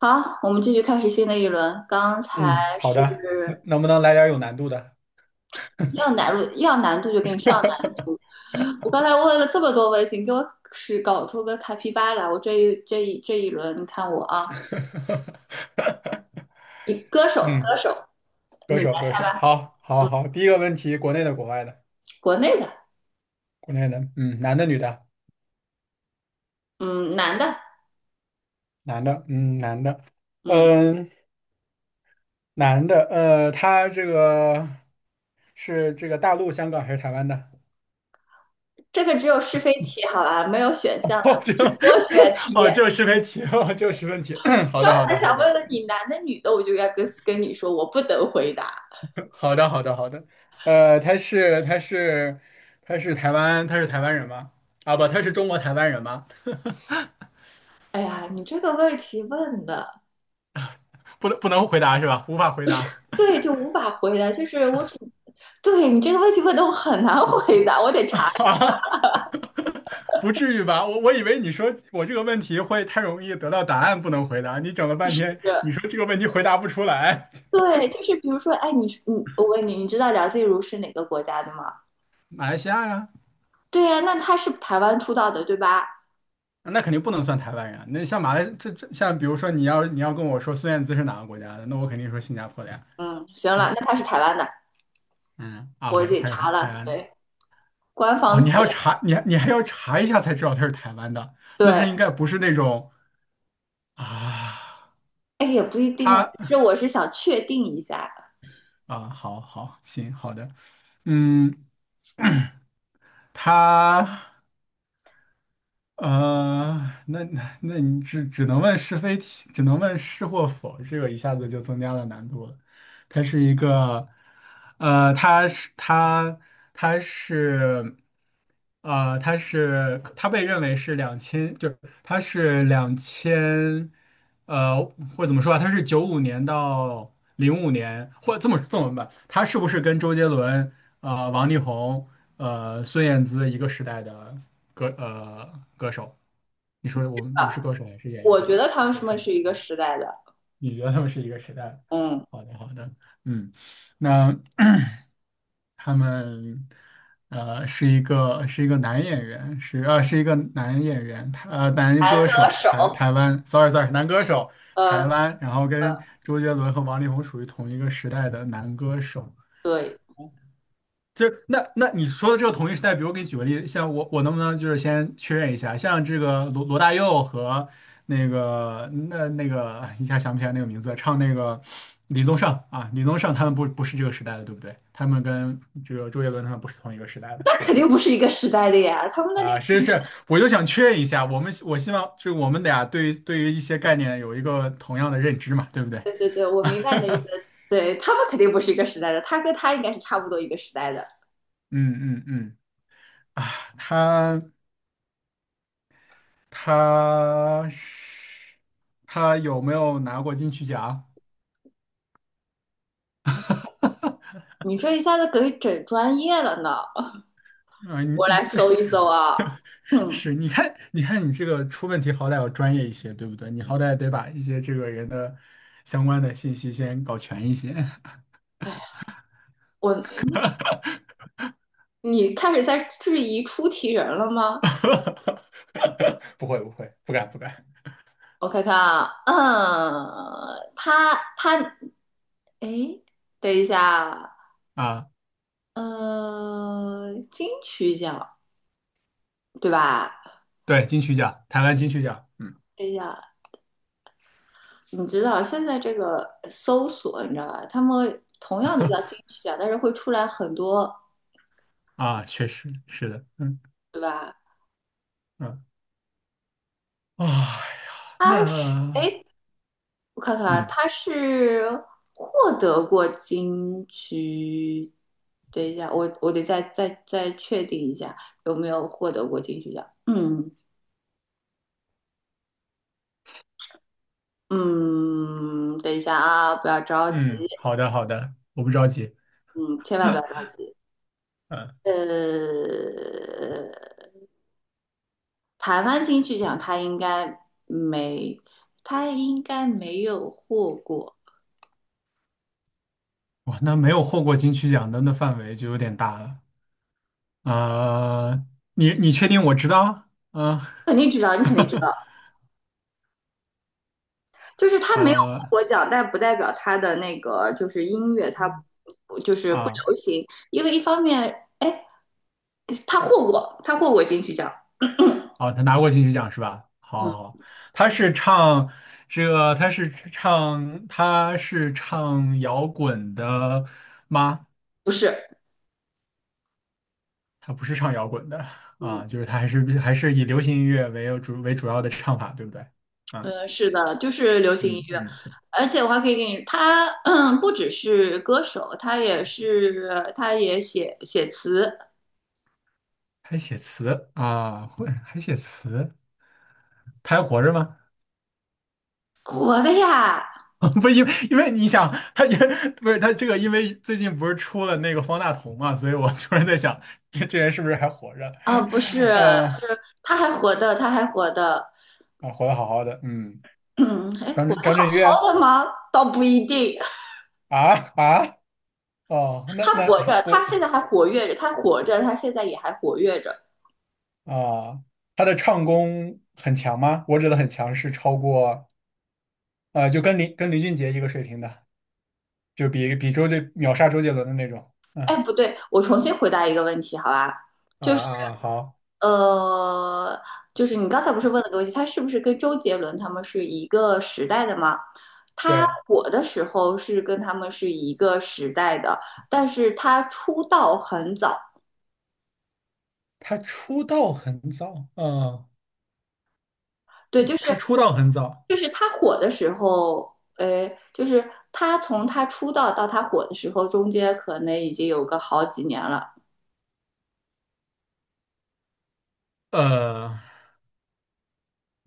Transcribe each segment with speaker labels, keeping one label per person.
Speaker 1: 好，我们继续开始新的一轮。刚才。
Speaker 2: 嗯，好
Speaker 1: 是，
Speaker 2: 的，能不能来点儿有难度的？
Speaker 1: 要难度，要难度就给你上难 度。我刚才问了这么多问题，你给我是搞出个卡皮巴来。我这一轮，你看我啊，你歌手歌
Speaker 2: 嗯，
Speaker 1: 手，
Speaker 2: 歌
Speaker 1: 你
Speaker 2: 手歌手，好，好，好，第一个问题，国内的，国外的，
Speaker 1: 国内的，
Speaker 2: 国内的，嗯，男的，女的，
Speaker 1: 嗯，男的，
Speaker 2: 男的，嗯，男的，
Speaker 1: 嗯，
Speaker 2: 嗯，男的，他这个是这个大陆、香港还是台湾的？
Speaker 1: 这个只有是非题，好吧，没有选项 的，
Speaker 2: 哦，
Speaker 1: 不是多选 题。
Speaker 2: 哦，就个是问题，哦，这个是问题，好
Speaker 1: 刚
Speaker 2: 的，好
Speaker 1: 才
Speaker 2: 的，好
Speaker 1: 想
Speaker 2: 的，
Speaker 1: 问问你男的女的，我就该跟你说我不能回答。
Speaker 2: 好的，好的，好的。呃，他是他是他是台湾，他是台湾人吗？啊，不，他是中国台湾人吗？
Speaker 1: 哎呀，你这个问题问的。
Speaker 2: 不能回答是吧？无法回答。
Speaker 1: 对，就无法回答，就是我只，对你这个问题问的我很难回答，我得 查一
Speaker 2: 啊不至于吧？我以为你说我这个问题会太容易得到答案，不能回答。你整了半天，你
Speaker 1: 个。
Speaker 2: 说这个问题回答不出来。
Speaker 1: 对，就是比如说，哎，你我问你，你知道梁静茹是哪个国家的吗？
Speaker 2: 马来西亚呀，
Speaker 1: 对呀、那她是台湾出道的，对吧？
Speaker 2: 那肯定不能算台湾人啊那像马来这像比如说你要跟我说孙燕姿是哪个国家的，那我肯定说新加坡的呀。
Speaker 1: 嗯，行了，
Speaker 2: 嗯
Speaker 1: 那她是台湾的，
Speaker 2: 嗯
Speaker 1: 我
Speaker 2: ，OK，
Speaker 1: 得
Speaker 2: 他是台
Speaker 1: 查
Speaker 2: 台
Speaker 1: 了，
Speaker 2: 湾的。
Speaker 1: 对，官
Speaker 2: 哦，
Speaker 1: 方资
Speaker 2: 你还要
Speaker 1: 料，
Speaker 2: 查，你还要查一下才知道他是台湾的，那他
Speaker 1: 对，
Speaker 2: 应该不是那种啊，
Speaker 1: 哎，也不一定啊，
Speaker 2: 他
Speaker 1: 只是我是想确定一下
Speaker 2: 啊，好好行，好的，嗯，他。呃，那你只能问是非题，只能问是或否，这个一下子就增加了难度了。它是一个，呃，它是它它是，它被认为是两千，就是它是两千，呃，或者怎么说啊？它是95年到05年，或这么这么吧，它是不是跟周杰伦？王力宏，孙燕姿一个时代的歌手。你说我们
Speaker 1: 啊，
Speaker 2: 是歌手还是演
Speaker 1: 我
Speaker 2: 员？
Speaker 1: 觉得他
Speaker 2: 歌
Speaker 1: 们是
Speaker 2: 手是
Speaker 1: 不
Speaker 2: 吧？
Speaker 1: 是一个时代的，
Speaker 2: 你觉得他们是一个时代的？
Speaker 1: 嗯，
Speaker 2: 好的，好的，嗯，那 他们是一个男演员，是是一个男演员，他男歌
Speaker 1: 歌
Speaker 2: 手，
Speaker 1: 手，
Speaker 2: 台湾，sorry sorry，男歌手，台
Speaker 1: 呃，
Speaker 2: 湾，然后跟周杰伦和王力宏属于同一个时代的男歌手。
Speaker 1: 对，
Speaker 2: 就是那你说的这个同一时代，比如我给你举个例，子，像我能不能就是先确认一下，像这个罗大佑和那个一下想不起来那个名字，唱那个李宗盛啊，李宗盛他们不是这个时代的，对不对？他们跟这个周杰伦他们不是同一个时代的，
Speaker 1: 那
Speaker 2: 对
Speaker 1: 肯
Speaker 2: 吧？
Speaker 1: 定不是一个时代的呀，他们的那
Speaker 2: 啊，是是，我就想确认一下，我希望就是我们俩对于一些概念有一个同样的认知嘛，对不对？
Speaker 1: 对对对，我明白你的意思。对，他们肯定不是一个时代的，他跟他应该是差不多一个时代的。
Speaker 2: 嗯嗯嗯，啊，他。他是他有没有拿过金曲奖？
Speaker 1: 你这一下子给整专业了呢，
Speaker 2: 啊、你
Speaker 1: 我
Speaker 2: 你
Speaker 1: 来
Speaker 2: 对，
Speaker 1: 搜一搜啊。嗯，
Speaker 2: 是你看，你看你这个出问题，好歹要专业一些，对不对？你好歹得把一些这个人的相关的信息先搞全一些。
Speaker 1: 哎呀，我 你开始在质疑出题人了吗？
Speaker 2: 不会不会，不敢不敢
Speaker 1: 我看看啊，嗯，他，哎，等一下啊，
Speaker 2: 啊！
Speaker 1: 嗯、金曲奖对吧？
Speaker 2: 对，金曲奖，台湾金曲奖，嗯
Speaker 1: 等一下，你知道现在这个搜索，你知道吧？他们同样的叫金 曲奖，但是会出来很多，
Speaker 2: 啊，确实是的，嗯
Speaker 1: 对吧？
Speaker 2: 嗯，哎呀，
Speaker 1: 他是，
Speaker 2: 那
Speaker 1: 哎，我看看啊，
Speaker 2: 嗯
Speaker 1: 他是获得过金曲，等一下，我得再确定一下有没有获得过金曲奖。嗯嗯，等一下啊，不要着急，
Speaker 2: 嗯，好的好的，我不着急。
Speaker 1: 嗯，千万不要着急。
Speaker 2: 嗯。
Speaker 1: 呃，台湾金曲奖没，他应该没有获过，
Speaker 2: 哇，那没有获过金曲奖的那范围就有点大了。呃，你确定我知道？嗯、
Speaker 1: 肯定知道，你肯定知道，就是他没有获
Speaker 2: 呃
Speaker 1: 过奖，但不代表他的那个就是音乐他不就是不
Speaker 2: 啊
Speaker 1: 流行，因为一方面，哎，他获过金曲奖，
Speaker 2: 啊，他拿过金曲奖是吧？好，
Speaker 1: 嗯，
Speaker 2: 好，好，他是唱这个，他是唱摇滚的，
Speaker 1: 不是，
Speaker 2: 他不是唱摇滚的
Speaker 1: 嗯
Speaker 2: 啊，就是他还是以流行音乐为主要的唱法，对不对？啊，
Speaker 1: 是的，就是流行音
Speaker 2: 嗯
Speaker 1: 乐。
Speaker 2: 嗯，
Speaker 1: 而且我还可以给你，他不只是歌手，他也是，他也写写词，
Speaker 2: 还写词啊，会还写词，他还活着吗？
Speaker 1: 火的呀。
Speaker 2: 不，因为你想，他也不是他这个，因为最近不是出了那个方大同嘛，所以我突然在想，这人是不是还活着？
Speaker 1: 啊，不是，
Speaker 2: 呃，
Speaker 1: 他还活的，
Speaker 2: 啊，活得好好的，嗯，
Speaker 1: 嗯，还
Speaker 2: 张
Speaker 1: 活
Speaker 2: 震
Speaker 1: 得
Speaker 2: 张
Speaker 1: 好
Speaker 2: 震岳
Speaker 1: 好的吗？倒不一定，
Speaker 2: 啊啊哦，那
Speaker 1: 他
Speaker 2: 那
Speaker 1: 活着，他
Speaker 2: 我
Speaker 1: 现在还活跃着，他活着，他现在也还活跃着。
Speaker 2: 啊，他的唱功很强吗？我指的很强是超过就跟林俊杰一个水平的，就比秒杀周杰伦的那种，
Speaker 1: 哎，
Speaker 2: 嗯
Speaker 1: 不对，我重新回答一个问题，好吧？
Speaker 2: 啊啊啊，好，
Speaker 1: 呃，就是你刚才不是问了个问题，他是不是跟周杰伦他们是一个时代的吗？他
Speaker 2: 对，
Speaker 1: 火的时候是跟他们是一个时代的，但是他出道很早，
Speaker 2: 他出道很早，嗯，
Speaker 1: 对，就是
Speaker 2: 他出道很早。
Speaker 1: 就是他火的时候，就是他从他出道到他火的时候，中间可能已经有个好几年了。
Speaker 2: 呃，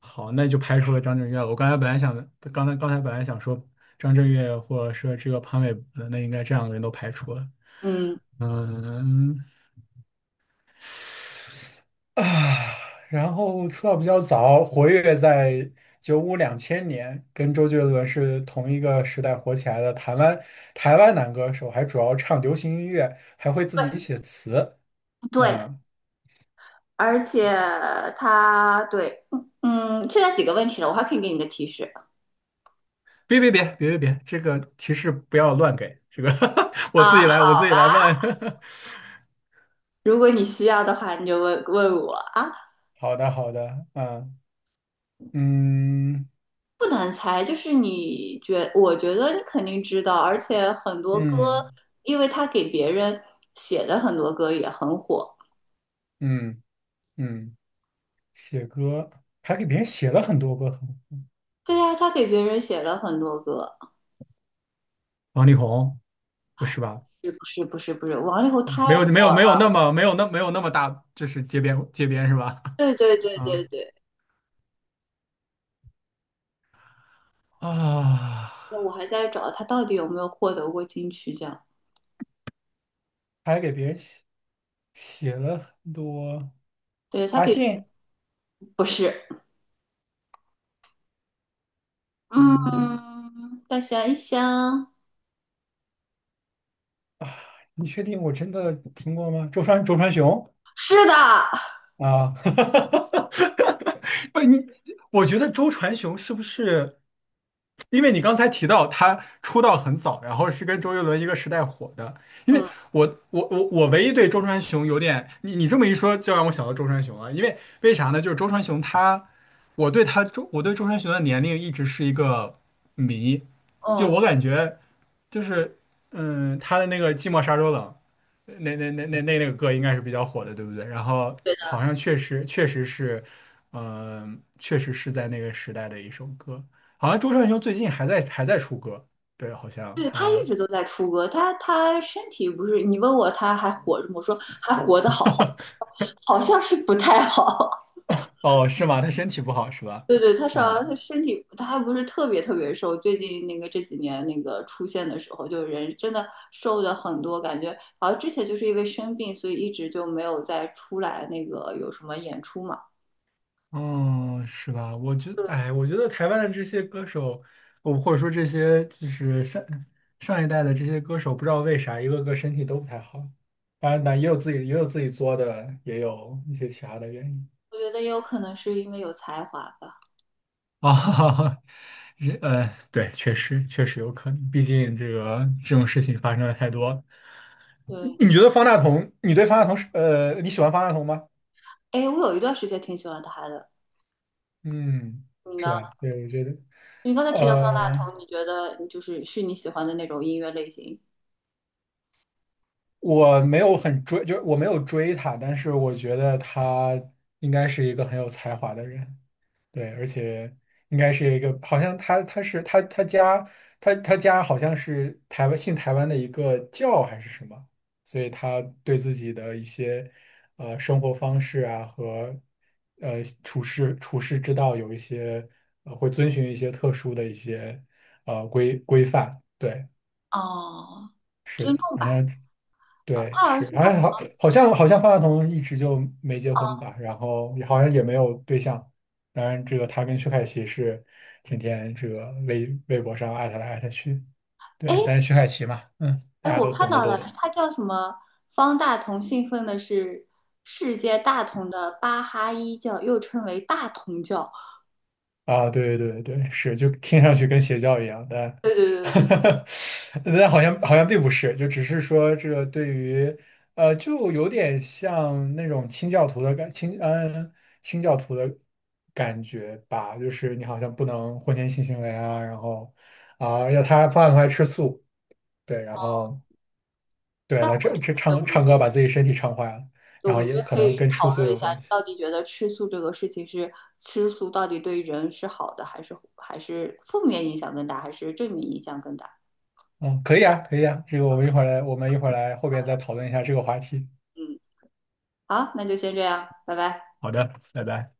Speaker 2: 好，那就排除了张震岳了。我刚才本来想，刚才本来想说张震岳或者说这个潘玮柏的，那应该这两个人都排除了。
Speaker 1: 嗯，
Speaker 2: 嗯，啊，然后出道比较早，活跃在九五两千年，跟周杰伦是同一个时代火起来的台湾台湾男歌手，还主要唱流行音乐，还会自己写词。
Speaker 1: 对，
Speaker 2: 嗯，
Speaker 1: 而且他对，嗯，现在几个问题了，我还可以给你个提示
Speaker 2: 别别别别别别，这个提示不要乱给，这个 我
Speaker 1: 啊。
Speaker 2: 自己来，我自己来问。
Speaker 1: 如果你需要的话，你就问问我啊，
Speaker 2: 好的好的，啊，嗯
Speaker 1: 不难猜，就是我觉得你肯定知道，而且很多歌，
Speaker 2: 嗯
Speaker 1: 因为他给别人写的很多歌也很火。
Speaker 2: 嗯嗯，写歌还给别人写了很多歌，
Speaker 1: 对呀、他给别人写了很多歌，
Speaker 2: 王力宏不是吧？
Speaker 1: 是不是不是不是，王力宏
Speaker 2: 嗯，
Speaker 1: 太
Speaker 2: 没有没
Speaker 1: 火
Speaker 2: 有
Speaker 1: 了，
Speaker 2: 没有那么没有那没有那么大，就是街边街边是吧？
Speaker 1: 对对 对对
Speaker 2: 啊
Speaker 1: 对，
Speaker 2: 啊，
Speaker 1: 我还在找他到底有没有获得过金曲奖，
Speaker 2: 还给别人写了很多，
Speaker 1: 对
Speaker 2: 阿信，
Speaker 1: 不是，
Speaker 2: 嗯。
Speaker 1: 嗯，再想一想，
Speaker 2: 你确定我真的听过吗？周传雄
Speaker 1: 是的，
Speaker 2: 啊，不，你我觉得周传雄是不是？因为你刚才提到他出道很早，然后是跟周杰伦一个时代火的。因为
Speaker 1: 嗯
Speaker 2: 我唯一对周传雄有点，你你这么一说，就让我想到周传雄了。因为为啥呢？就是周传雄他，我对周传雄的年龄一直是一个谜，就
Speaker 1: 嗯，
Speaker 2: 我感觉就是嗯，他的那个《寂寞沙洲冷》那个歌应该是比较火的，对不对？然后
Speaker 1: 对的，
Speaker 2: 好像确实确实是，嗯、确实是在那个时代的一首歌。好像周传雄最近还在还在出歌，对，好像
Speaker 1: 对他一
Speaker 2: 他，
Speaker 1: 直都在出歌，他身体不是，你问我他还活着吗？我说还活得好好，好像是不太好，
Speaker 2: 哦，是吗？他身体不好是吧？
Speaker 1: 对对，他是好他
Speaker 2: 嗯，
Speaker 1: 身体他还不是特别特别瘦，最近那个这几年那个出现的时候，就人真的瘦的很多，感觉好像之前就是因为生病，所以一直就没有再出来那个有什么演出嘛。
Speaker 2: 嗯，是吧？我觉
Speaker 1: 对，
Speaker 2: 哎，我觉得台湾的这些歌手，我或者说这些就是上一代的这些歌手，不知道为啥一个个身体都不太好。当然，那也有自己作的，也有一些其他的原因。
Speaker 1: 我觉得也有可能是因为有才华吧。
Speaker 2: 啊，对，确实确实有可能，毕竟这个这种事情发生的太多了。
Speaker 1: 对，
Speaker 2: 你觉得方大同，你对方大同是你喜欢方大同吗？
Speaker 1: 哎，我有一段时间挺喜欢他的，
Speaker 2: 嗯，
Speaker 1: 你
Speaker 2: 是
Speaker 1: 呢？
Speaker 2: 吧？对，我觉得，
Speaker 1: 你刚才提到方大
Speaker 2: 呃，
Speaker 1: 同，你觉得就是你喜欢的那种音乐类型？
Speaker 2: 我没有很追，就是我没有追他，但是我觉得他应该是一个很有才华的人。对，而且应该是一个，好像他他是他他家他他家好像是台湾信台湾的一个教还是什么，所以他对自己的一些生活方式啊和处事之道有一些会遵循一些特殊的一些规范。对，
Speaker 1: 哦，
Speaker 2: 是的，
Speaker 1: 尊重
Speaker 2: 好
Speaker 1: 吧，
Speaker 2: 像
Speaker 1: 他
Speaker 2: 对，
Speaker 1: 好像
Speaker 2: 是，
Speaker 1: 是
Speaker 2: 好
Speaker 1: 他，
Speaker 2: 像好，好像好像方大同一直就没结婚吧，然后也好像也没有对象。当然，这个他跟薛凯琪是天天这个微博上艾特来艾特去，
Speaker 1: 哎，
Speaker 2: 对，但是薛凯琪嘛，嗯，大
Speaker 1: 哎，
Speaker 2: 家
Speaker 1: 我
Speaker 2: 都
Speaker 1: 看
Speaker 2: 懂的
Speaker 1: 到
Speaker 2: 都
Speaker 1: 了，
Speaker 2: 懂。
Speaker 1: 它叫什么？方大同信奉的是世界大同的巴哈伊教，又称为大同教。
Speaker 2: 啊，对对对对，是，就听上去跟邪教一样，但
Speaker 1: 对对对对，
Speaker 2: 但好像并不是，就只是说这个对于就有点像那种清教徒的感觉吧，就是你好像不能婚前性行为啊，然后啊，要他饭后还吃素，对，然
Speaker 1: 嗯，
Speaker 2: 后对
Speaker 1: 但
Speaker 2: 了，
Speaker 1: 我
Speaker 2: 这
Speaker 1: 觉
Speaker 2: 这
Speaker 1: 得
Speaker 2: 唱
Speaker 1: 我们
Speaker 2: 唱
Speaker 1: 可以，
Speaker 2: 歌把自己身体唱坏了，
Speaker 1: 对
Speaker 2: 然
Speaker 1: 我
Speaker 2: 后
Speaker 1: 们觉
Speaker 2: 也
Speaker 1: 得
Speaker 2: 可
Speaker 1: 可
Speaker 2: 能
Speaker 1: 以
Speaker 2: 跟吃
Speaker 1: 讨
Speaker 2: 素
Speaker 1: 论一
Speaker 2: 有
Speaker 1: 下，
Speaker 2: 关系，
Speaker 1: 到底觉得吃素这个事情是吃素到底对人是好的，还是负面影响更大，还是正面影响更大？
Speaker 2: 嗯，可以啊，可以啊，这个我们一会儿来，我们一会儿来后边再讨论一下这个话题。
Speaker 1: 嗯，好，那就先这样，拜拜。
Speaker 2: 好的，拜拜。